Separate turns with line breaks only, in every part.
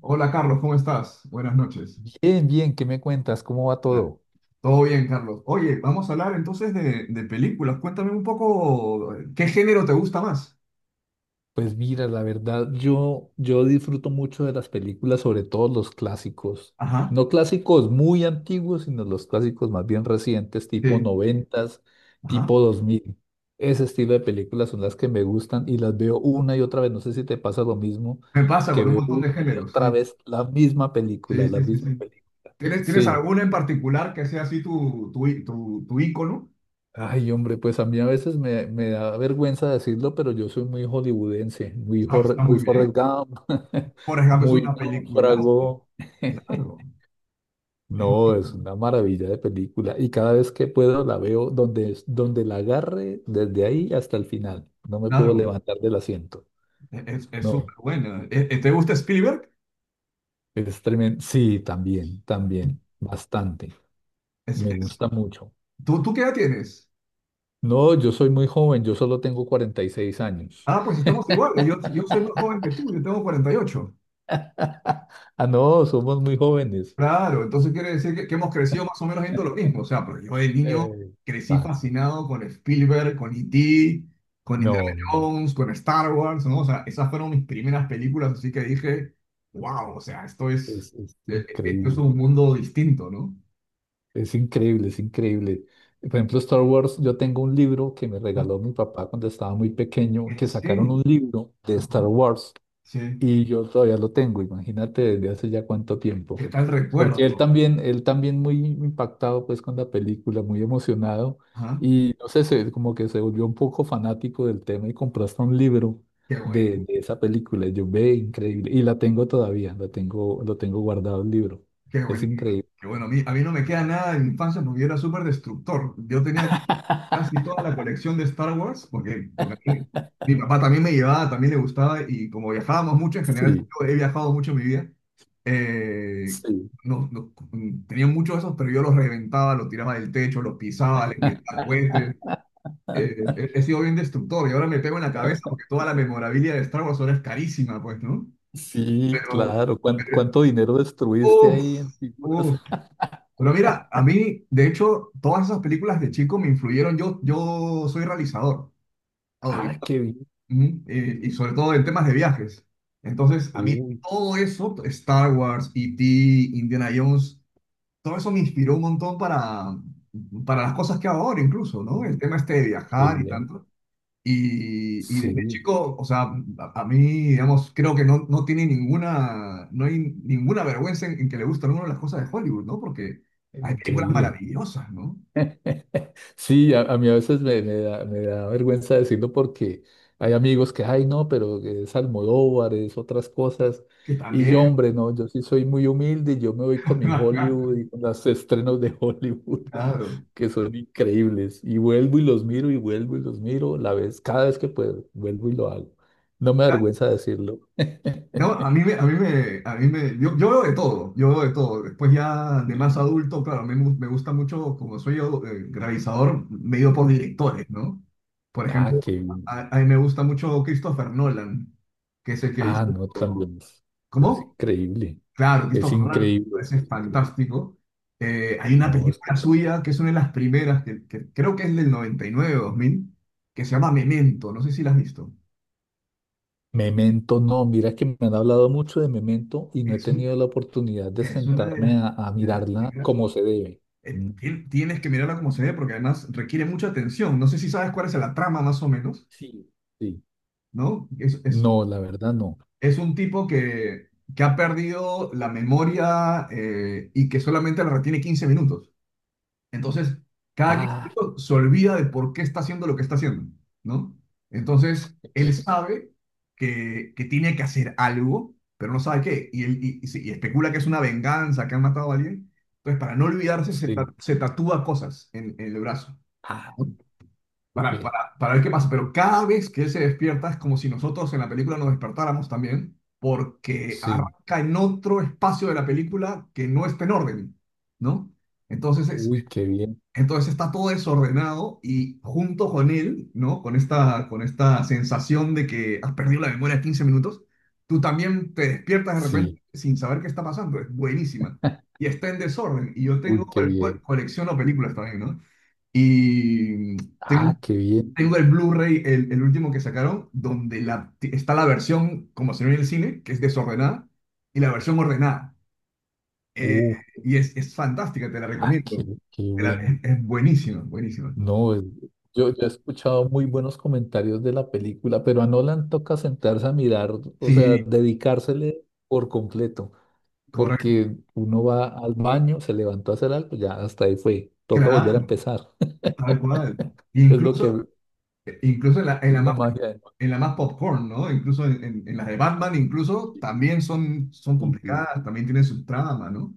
Hola Carlos, ¿cómo estás? Buenas noches.
Bien, bien, ¿qué me cuentas? ¿Cómo va
Nah.
todo?
Todo bien, Carlos. Oye, vamos a hablar entonces de películas. Cuéntame un poco, ¿qué género te gusta más?
Pues mira, la verdad, yo disfruto mucho de las películas, sobre todo los clásicos.
Ajá,
No clásicos muy antiguos, sino los clásicos más bien recientes, tipo
sí,
noventas,
ajá.
tipo 2000. Ese estilo de películas son las que me gustan y las veo una y otra vez. No sé si te pasa lo mismo,
Me pasa
que
con un
veo
montón de
una y
géneros,
otra
sí,
vez la misma película,
sí,
la
sí, sí,
misma
sí.
película.
¿Tienes
Sí.
alguna en particular que sea así tu ícono?
Ay, hombre, pues a mí a veces me da vergüenza decirlo, pero yo soy muy hollywoodense, muy,
Ah, está
Muy
muy bien.
Forrest Gump,
Por ejemplo, es
muy
una película.
náufrago.
Claro, es,
No, es una maravilla de película y cada vez que puedo la veo donde, donde la agarre, desde ahí hasta el final. No me puedo
claro,
levantar del asiento.
es
No,
súper buena. ¿Te gusta Spielberg?
es tremendo. Sí, también, también, bastante.
Es,
Me
es-
gusta mucho.
¿Tú qué edad tienes?
No, yo soy muy joven, yo solo tengo 46 años.
Ah, pues estamos igual. Yo soy más joven que tú, yo tengo 48.
Ah, no, somos muy jóvenes.
Claro, entonces quiere decir que hemos crecido más o menos viendo lo mismo. O sea, pero yo de niño
Eh,
crecí
Ah,
fascinado con Spielberg, con E.T., con Indiana
no,
Jones, con Star Wars, ¿no? O sea, esas fueron mis primeras películas, así que dije, wow, o sea,
es
esto es
increíble,
un mundo distinto, ¿no?
es increíble, es increíble. Por ejemplo, Star Wars, yo tengo un libro que me
Ah,
regaló mi papá cuando estaba muy pequeño,
¿en
que sacaron
serio?
un libro de Star
Ajá,
Wars
sí.
y yo todavía lo tengo, imagínate desde hace ya cuánto tiempo.
¿Qué tal
Porque
recuerdo?
él también muy impactado pues con la película, muy emocionado
Ajá,
y no sé, como que se volvió un poco fanático del tema y compró hasta un libro
qué bueno.
de esa película. Y yo ve, increíble. Y la tengo todavía, la tengo, lo tengo guardado el libro.
Qué
Es
bueno,
increíble.
qué bueno, a mí no me queda nada de mi infancia porque yo era súper destructor. Yo tenía casi toda la colección de Star Wars mi papá también me llevaba, también le gustaba y como viajábamos mucho, en general
Sí,
yo he viajado mucho en mi vida, eh,
sí.
no, no- tenía muchos de esos, pero yo los reventaba, los tiraba del techo, los pisaba, les metía cohetes. He sido bien destructor y ahora me pego en la cabeza porque toda la memorabilia de Star Wars ahora es carísima, pues, ¿no?
Sí,
Pero,
claro.
pero
¿Cuánto dinero destruiste ahí en figuras?
uff, pero mira, a mí, de hecho, todas esas películas de chico me influyeron. Yo soy realizador, Adobe.
Ah, qué bien.
Ujú. Y sobre todo en temas de viajes. Entonces, a mí
Uy,
todo eso, Star Wars, E.T., Indiana Jones, todo eso me inspiró un montón para las cosas que hago ahora incluso, ¿no? El tema este de
qué
viajar y
bien.
tanto. Y desde
Sí,
chico, o sea, a, a mí, digamos, creo que no, no tiene ninguna, no hay ninguna vergüenza en que le gusten algunas de las cosas de Hollywood, ¿no? Porque hay películas
increíble.
maravillosas, ¿no?
Sí, a mí a veces me da vergüenza decirlo porque hay amigos que, ay, no, pero es Almodóvar, es otras cosas.
Que
Y
también.
yo, hombre, no, yo sí soy muy humilde y yo me voy con mi Hollywood y con los estrenos de Hollywood,
Claro.
que son increíbles. Y vuelvo y los miro y vuelvo y los miro la vez, cada vez que puedo, vuelvo y lo hago. No me da vergüenza decirlo.
No, a mí me, a mí me, a mí me, yo veo de todo, yo veo de todo. Después ya de
Sí,
más adulto, claro, a mí me, gu- me gusta mucho, como soy yo, realizador, me he ido por
sí.
directores, ¿no? Por
Ah,
ejemplo,
qué bien.
a mí me gusta mucho Christopher Nolan, que es el que
Ah, no,
hizo...
también es
¿Cómo?
increíble.
Claro,
Es
Christopher Nolan me
increíble, es
parece
increíble.
fantástico. Hay una
No,
película suya que es una de las primeras, que creo que es del 99 o 2000 que se llama Memento. No sé si la has visto.
Memento, no, mira que me han hablado mucho de Memento y no he
Es,
tenido
un-
la oportunidad de
es una
sentarme a
de las
mirarla
primeras.
como se debe. Mm,
Tienes que mirarla como se ve porque además requiere mucha atención. No sé si sabes cuál es la trama más o menos,
sí, sí.
¿no?
No, la verdad no.
Es un tipo que ha perdido la memoria y que solamente la retiene 15 minutos. Entonces, cada 15
Ah,
minutos se olvida de por qué está haciendo lo que está haciendo, ¿no? Entonces, él
eh,
sabe que tiene que hacer algo, pero no sabe qué. Y, él, y se- y especula que es una venganza, que han matado a alguien. Entonces, para no olvidarse,
sí.
se tatúa cosas en el brazo,
Ah,
¿no? Para,
ve,
para, para ver qué pasa. Pero cada vez que él se despierta, es como si nosotros en la película nos despertáramos también, porque
sí.
arranca en otro espacio de la película que no está en orden, ¿no? Entonces, es-
Uy, qué bien.
entonces está todo desordenado y junto con él, ¿no? Con esta sensación de que has perdido la memoria de 15 minutos, tú también te despiertas de repente
Sí.
sin saber qué está pasando. Es buenísima. Y está en desorden. Y yo
Uy,
tengo,
qué bien.
colecciono películas también, ¿no? Y tengo,
Ah, qué bien.
tengo el Blu-ray, el último que sacaron, donde la, está la versión, como se ve en el cine, que es desordenada, y la versión ordenada. Eh,
Uh,
y es fantástica, te la
ah, qué,
recomiendo.
qué bueno.
Es buenísima, buenísima.
No, yo he escuchado muy buenos comentarios de la película, pero a Nolan toca sentarse a mirar, o sea,
Sí,
dedicársele por completo.
correcto.
Porque uno va al baño, se levantó a hacer algo, ya hasta ahí fue, toca volver a
Claro,
empezar.
tal cual. E
Es lo que es
incluso, incluso
la magia de Noche.
en la más popcorn, ¿no? Incluso en las de Batman, incluso también son, son
Sí, sí.
complicadas, también tienen su trama, ¿no?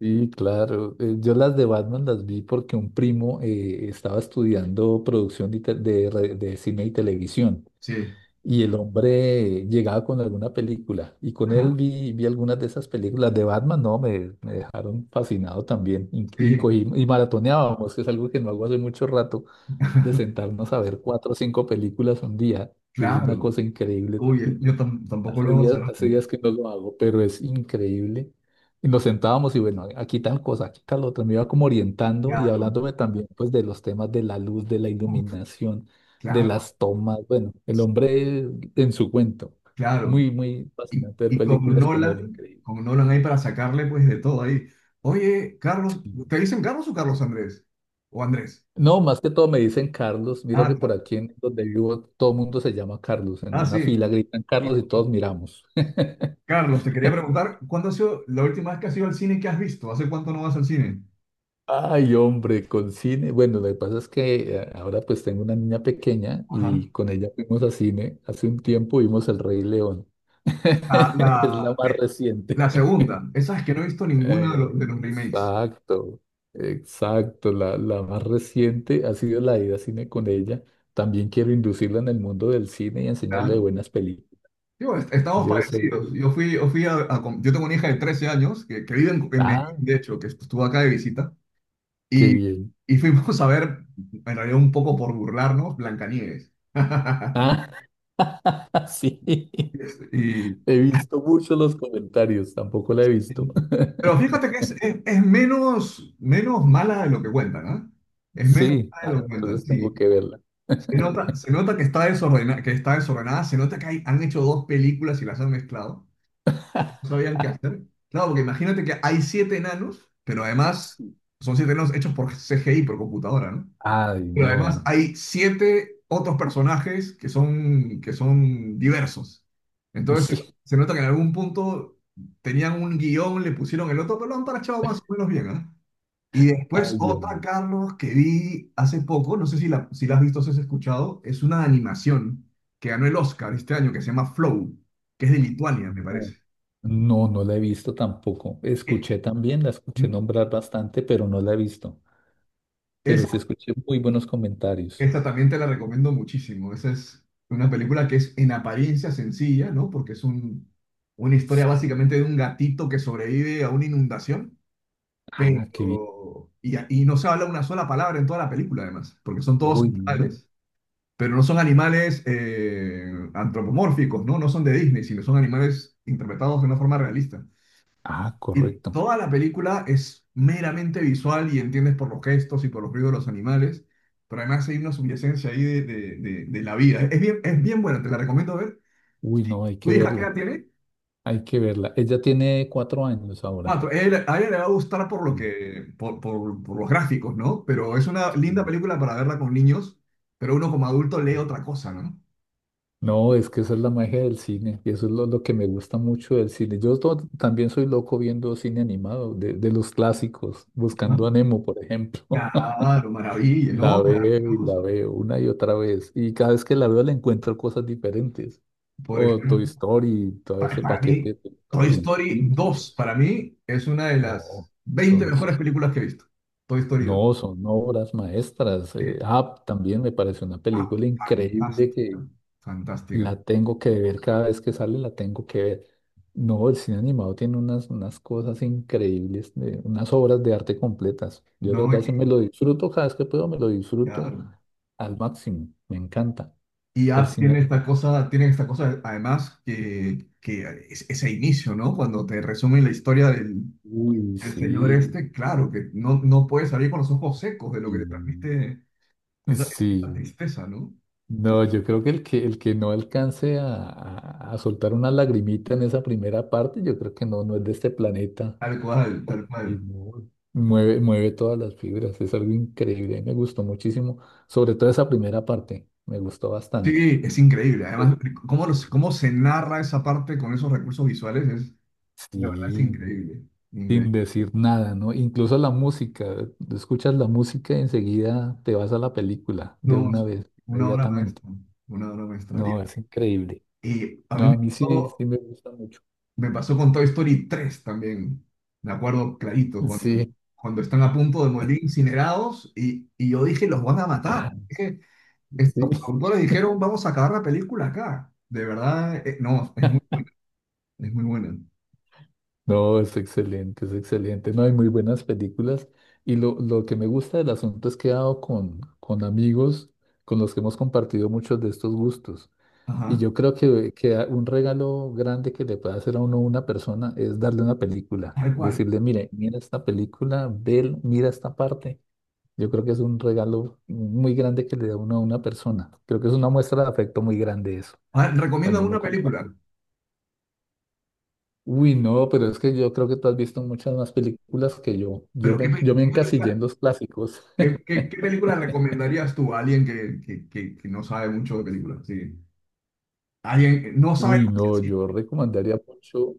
Sí, claro. Yo las de Batman las vi porque un primo estaba estudiando producción de, te- de re- de cine y televisión
Sí.
y el hombre llegaba con alguna película y con él
Ajá,
vi algunas de esas películas de Batman, no, me dejaron fascinado también y
sí,
y maratoneábamos, que es algo que no hago hace mucho rato. De sentarnos a ver 4 o 5 películas un día, que es una
claro.
cosa increíble
Uy,
también.
tampoco lo sé.
Hace días que no lo hago, pero es increíble. Y nos sentábamos y bueno, aquí tal cosa, aquí tal otra, me iba como orientando y
Claro,
hablándome también pues de los temas de la luz, de la iluminación, de
claro,
las tomas, bueno, el hombre en su cuento.
claro.
Muy, muy fascinante ver
Y
películas con él, increíble.
Con Nolan ahí para sacarle pues de todo ahí. Oye, Carlos, ¿te
Sí.
dicen Carlos o Carlos Andrés? ¿O Andrés?
No, más que todo me dicen Carlos. Mira
Ah,
que por
Carlos.
aquí en donde vivo todo el mundo se llama Carlos. En
Ah,
una
sí.
fila gritan Carlos y todos miramos.
Carlos, te quería preguntar, ¿cuándo ha sido la última vez que has ido al cine que has visto? ¿Hace cuánto no vas al cine?
Ay, hombre, con cine. Bueno, lo que pasa es que ahora pues tengo una niña pequeña
Ajá.
y con ella fuimos a cine. Hace un tiempo vimos El Rey León.
La,
Es la
la,
más
eh,
reciente.
la segunda, esa es que no he visto ninguna
Eh,
de los remakes.
exacto, exacto. La más reciente ha sido la ida a cine con ella. También quiero inducirla en el mundo del cine y enseñarle de
Claro.
buenas películas.
Yo, estamos
Yo sé.
parecidos. Yo fui, yo fui yo tengo una hija de 13 años que vive en Medellín,
Ah,
de hecho, que estuvo acá de visita,
qué
y,
bien.
y fuimos a ver, en realidad un poco por burlarnos, Blancanieves.
Ah, sí.
Y,
He visto mucho los comentarios, tampoco la he visto.
pero fíjate que es, es menos, menos mala de lo que cuentan, ¿ah? Es menos
Sí,
mala de
ah,
lo
no,
que cuentan,
entonces
sí.
tengo que verla.
Se nota que está desordenada, se nota que han hecho dos películas y las han mezclado. No sabían qué hacer. Claro, porque imagínate que hay siete enanos, pero además
Sí.
son siete enanos hechos por CGI, por computadora, ¿no?
Ay,
Pero además
no.
hay siete otros personajes que son diversos. Entonces se,
Sí.
se nota que en algún punto tenían un guión, le pusieron el otro, pero lo han parchado más o menos bien, ¿ah? Y después
Ay, yo
otra, Carlos, que vi hace poco, no sé si la, si la has visto o si has escuchado, es una animación que ganó el Oscar este año, que se llama Flow, que es de Lituania, me
no.
parece.
No, no la he visto tampoco.
Eh,
Escuché también, la escuché
¿Mm?
nombrar bastante, pero no la he visto.
Es
Pero sí escuché muy buenos comentarios.
Esta también te la recomiendo muchísimo. Esa es una película que es en apariencia sencilla, ¿no? Porque es un, una historia
Sí.
básicamente de un gatito que sobrevive a una inundación,
Ah, qué bien.
pero... y no se habla una sola palabra en toda la película, además, porque son todos
Uy, no.
animales, pero no son animales antropomórficos, ¿no? No son de Disney, sino son animales interpretados de una forma realista.
Ah,
Y
correcto.
toda la película es meramente visual y entiendes por los gestos y por los ruidos de los animales, pero además hay una subyacencia ahí de la vida. Es bien buena, te la recomiendo ver.
Uy, no, hay
¿Tu
que
hija qué
verla.
edad tiene?
Hay que verla. Ella tiene 4 años ahora.
Cuatro, a ella le va a gustar por lo
Sí,
que, por los gráficos, ¿no? Pero es una linda
sí.
película para verla con niños, pero uno como adulto lee otra cosa, ¿no?
No, es que esa es la magia del cine y eso es lo que me gusta mucho del cine. Yo también soy loco viendo cine animado, de los clásicos,
Ajá.
buscando a Nemo, por ejemplo.
Claro, maravilla,
La
¿no?
veo y la
Maravilloso.
veo una y otra vez y cada vez que la veo le encuentro cosas diferentes.
Por
O Toy
ejemplo.
Story, todo
Para,
ese
para
paquete de
mí,
Toy
Toy
Story.
Story dos
Bichos.
para mí, es una de
No,
las 20
son,
mejores
son
películas que he visto. Toy Story dos.
no, son obras maestras.
Sí.
También me parece una
Ah,
película increíble
fantástica,
que
fantástica.
la tengo que ver cada vez que sale, la tengo que ver. No, el cine animado tiene unas, unas cosas increíbles, unas obras de arte completas. Yo de
No, y,
verdad sí me lo disfruto cada vez que puedo, me lo disfruto
claro.
al máximo. Me encanta.
Y
El
Up
cine.
tiene esta cosa, además, ese inicio, ¿no? Cuando te resumen la historia del,
Uy,
del señor
sí.
este, claro, que no, no puedes salir con los ojos secos de lo que te
y-
transmite esa, esa
Sí.
tristeza, ¿no?
No, yo creo que el que no alcance a soltar una lagrimita en esa primera parte, yo creo que no, no es de este planeta,
Tal cual,
porque
tal cual.
no, mueve, mueve todas las fibras, es algo increíble, me gustó muchísimo, sobre todo esa primera parte, me gustó bastante.
Sí, es increíble.
Pues,
Además,
sí,
cómo se narra esa parte con esos recursos visuales es, de
sí,
verdad, es increíble.
sin
Increíble.
decir nada, ¿no? Incluso la música, tú escuchas la música y enseguida te vas a la película de
No, es
una vez,
una obra
inmediatamente.
maestra. Una obra maestra.
No, es increíble.
Y a
No,
mí
a mí sí, sí me gusta mucho.
me pasó con Toy Story tres también. Me acuerdo clarito, cuando,
Sí.
cuando están a punto de morir incinerados y yo dije, los van a matar. Dije,
Sí,
estos productores dijeron, vamos a acabar la película acá. De verdad, no, es muy buena. Es muy buena.
no, es excelente, es excelente. No hay muy buenas películas. Y lo que me gusta del asunto es que he dado con amigos con los que hemos compartido muchos de estos gustos. Y
Ajá.
yo creo que un regalo grande que le puede hacer a uno una persona es darle una película.
Tal cual.
Decirle, mire, mira esta película, ve, mira esta parte. Yo creo que es un regalo muy grande que le da uno a una persona. Creo que es una muestra de afecto muy grande eso,
A ver, recomienda
cuando uno
una película.
comparte. Uy, no, pero es que yo creo que tú has visto muchas más películas que yo.
Pero ¿qué, pe-
Yo me
qué
encasillé en
película,
los clásicos.
qué- qué- ¿qué película recomendarías tú a alguien que no sabe mucho de películas? Sí. Alguien que no sabe
Uy,
lo que es
no,
el cine,
yo recomendaría mucho.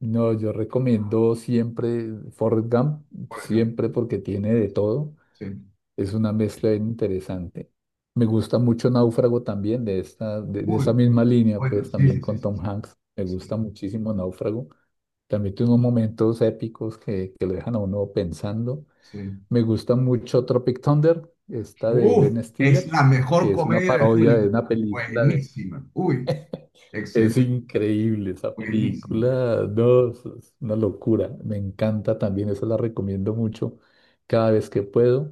No, yo recomiendo siempre Forrest Gump,
por ejemplo.
siempre porque tiene de todo.
Sí.
Es una mezcla bien interesante. Me gusta mucho Náufrago también, de esa
Uy,
misma línea,
bueno,
pues
sí,
también
sí, sí,
con
sí,
Tom Hanks. Me
sí,
gusta
sí,
muchísimo Náufrago. También tiene unos momentos épicos que lo dejan a uno pensando.
sí.
Me gusta mucho Tropic Thunder, esta de
Uf,
Ben
es
Stiller,
la mejor
que es una
comedia de
parodia de
Hollywood.
una película de...
Buenísima. Uy,
Es
excelente,
increíble esa
buenísima.
película, no, es una locura. Me encanta también, esa la recomiendo mucho cada vez que puedo.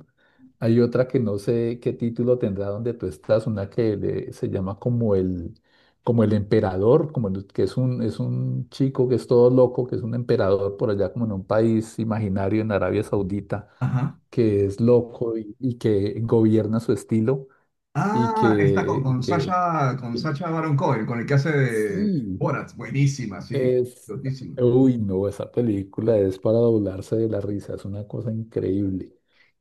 Hay otra que no sé qué título tendrá donde tú estás, una que se llama como el emperador, que es un chico que es todo loco, que es un emperador por allá como en un país imaginario en Arabia Saudita
Ajá.
que es loco y que gobierna su estilo y
Ah, esta
que, que
Con
que-
Sacha Baron Cohen, con el que hace de
sí,
Borat. Buenísima, sí.
es,
Lotísima.
uy, no, esa película es para doblarse de la risa, es una cosa increíble.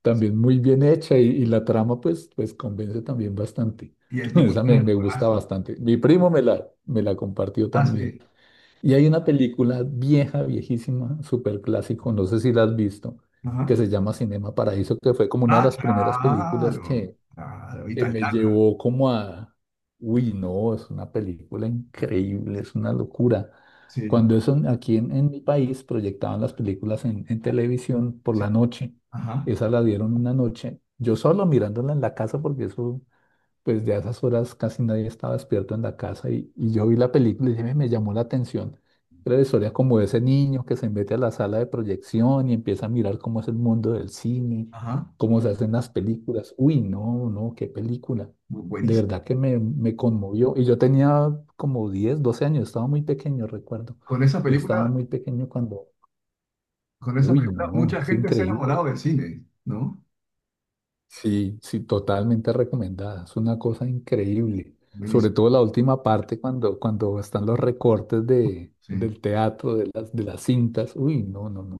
También muy bien hecha y la trama pues, pues convence también bastante.
Y el tipo tiene el
Me gusta
corazón.
bastante. Mi primo me la compartió
Ah,
también.
sí.
Y hay una película vieja, viejísima, súper clásico, no sé si la has visto,
Ajá.
que se llama Cinema Paraíso, que fue como una de
Ah,
las primeras películas
claro, claro,
que me
italiano,
llevó como a, uy, no, es una película increíble, es una locura.
sí,
Cuando eso aquí en mi país proyectaban las películas en televisión por
sí,
la noche,
ajá,
esa la dieron una noche, yo solo mirándola en la casa porque eso pues ya a esas horas casi nadie estaba despierto en la casa y yo vi la película y dije, "Ve, me llamó la atención. Era la historia como de ese niño que se mete a la sala de proyección y empieza a mirar cómo es el mundo del cine,
ajá,
cómo se hacen las películas. Uy, no, no, qué película.
bu-
De
buenísimo.
verdad que me conmovió. Y yo tenía como 10 12 años, estaba muy pequeño, recuerdo.
Con esa
Yo estaba
película,
muy pequeño cuando,
con esa
uy,
película,
no,
mucha
es
gente se ha
increíble.
enamorado del cine, ¿no?
Sí, sí, totalmente recomendada. Es una cosa increíble. Sobre
Buenísimo,
todo la última parte cuando, cuando están los recortes
sí.
del teatro, de las cintas. Uy, no, no, no.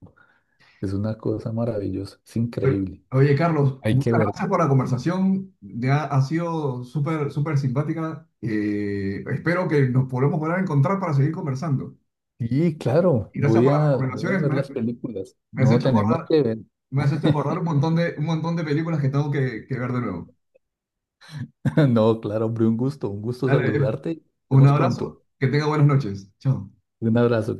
Es una cosa maravillosa. Es
Oye,
increíble.
oye, Carlos,
Hay que
muchas
ver.
gracias por la conversación, ya ha sido súper, súper simpática. Espero que nos podamos volver a encontrar para seguir conversando.
Sí, claro,
Y gracias por las
voy a
recomendaciones,
ver las películas.
me has
No,
hecho
tenemos
acordar,
que ver.
me has hecho acordar un montón de películas que tengo que ver de nuevo.
No, claro, hombre, un gusto
Dale, viejo.
saludarte. Nos
Un
vemos pronto.
abrazo, que tenga buenas noches. Chao.
Un abrazo.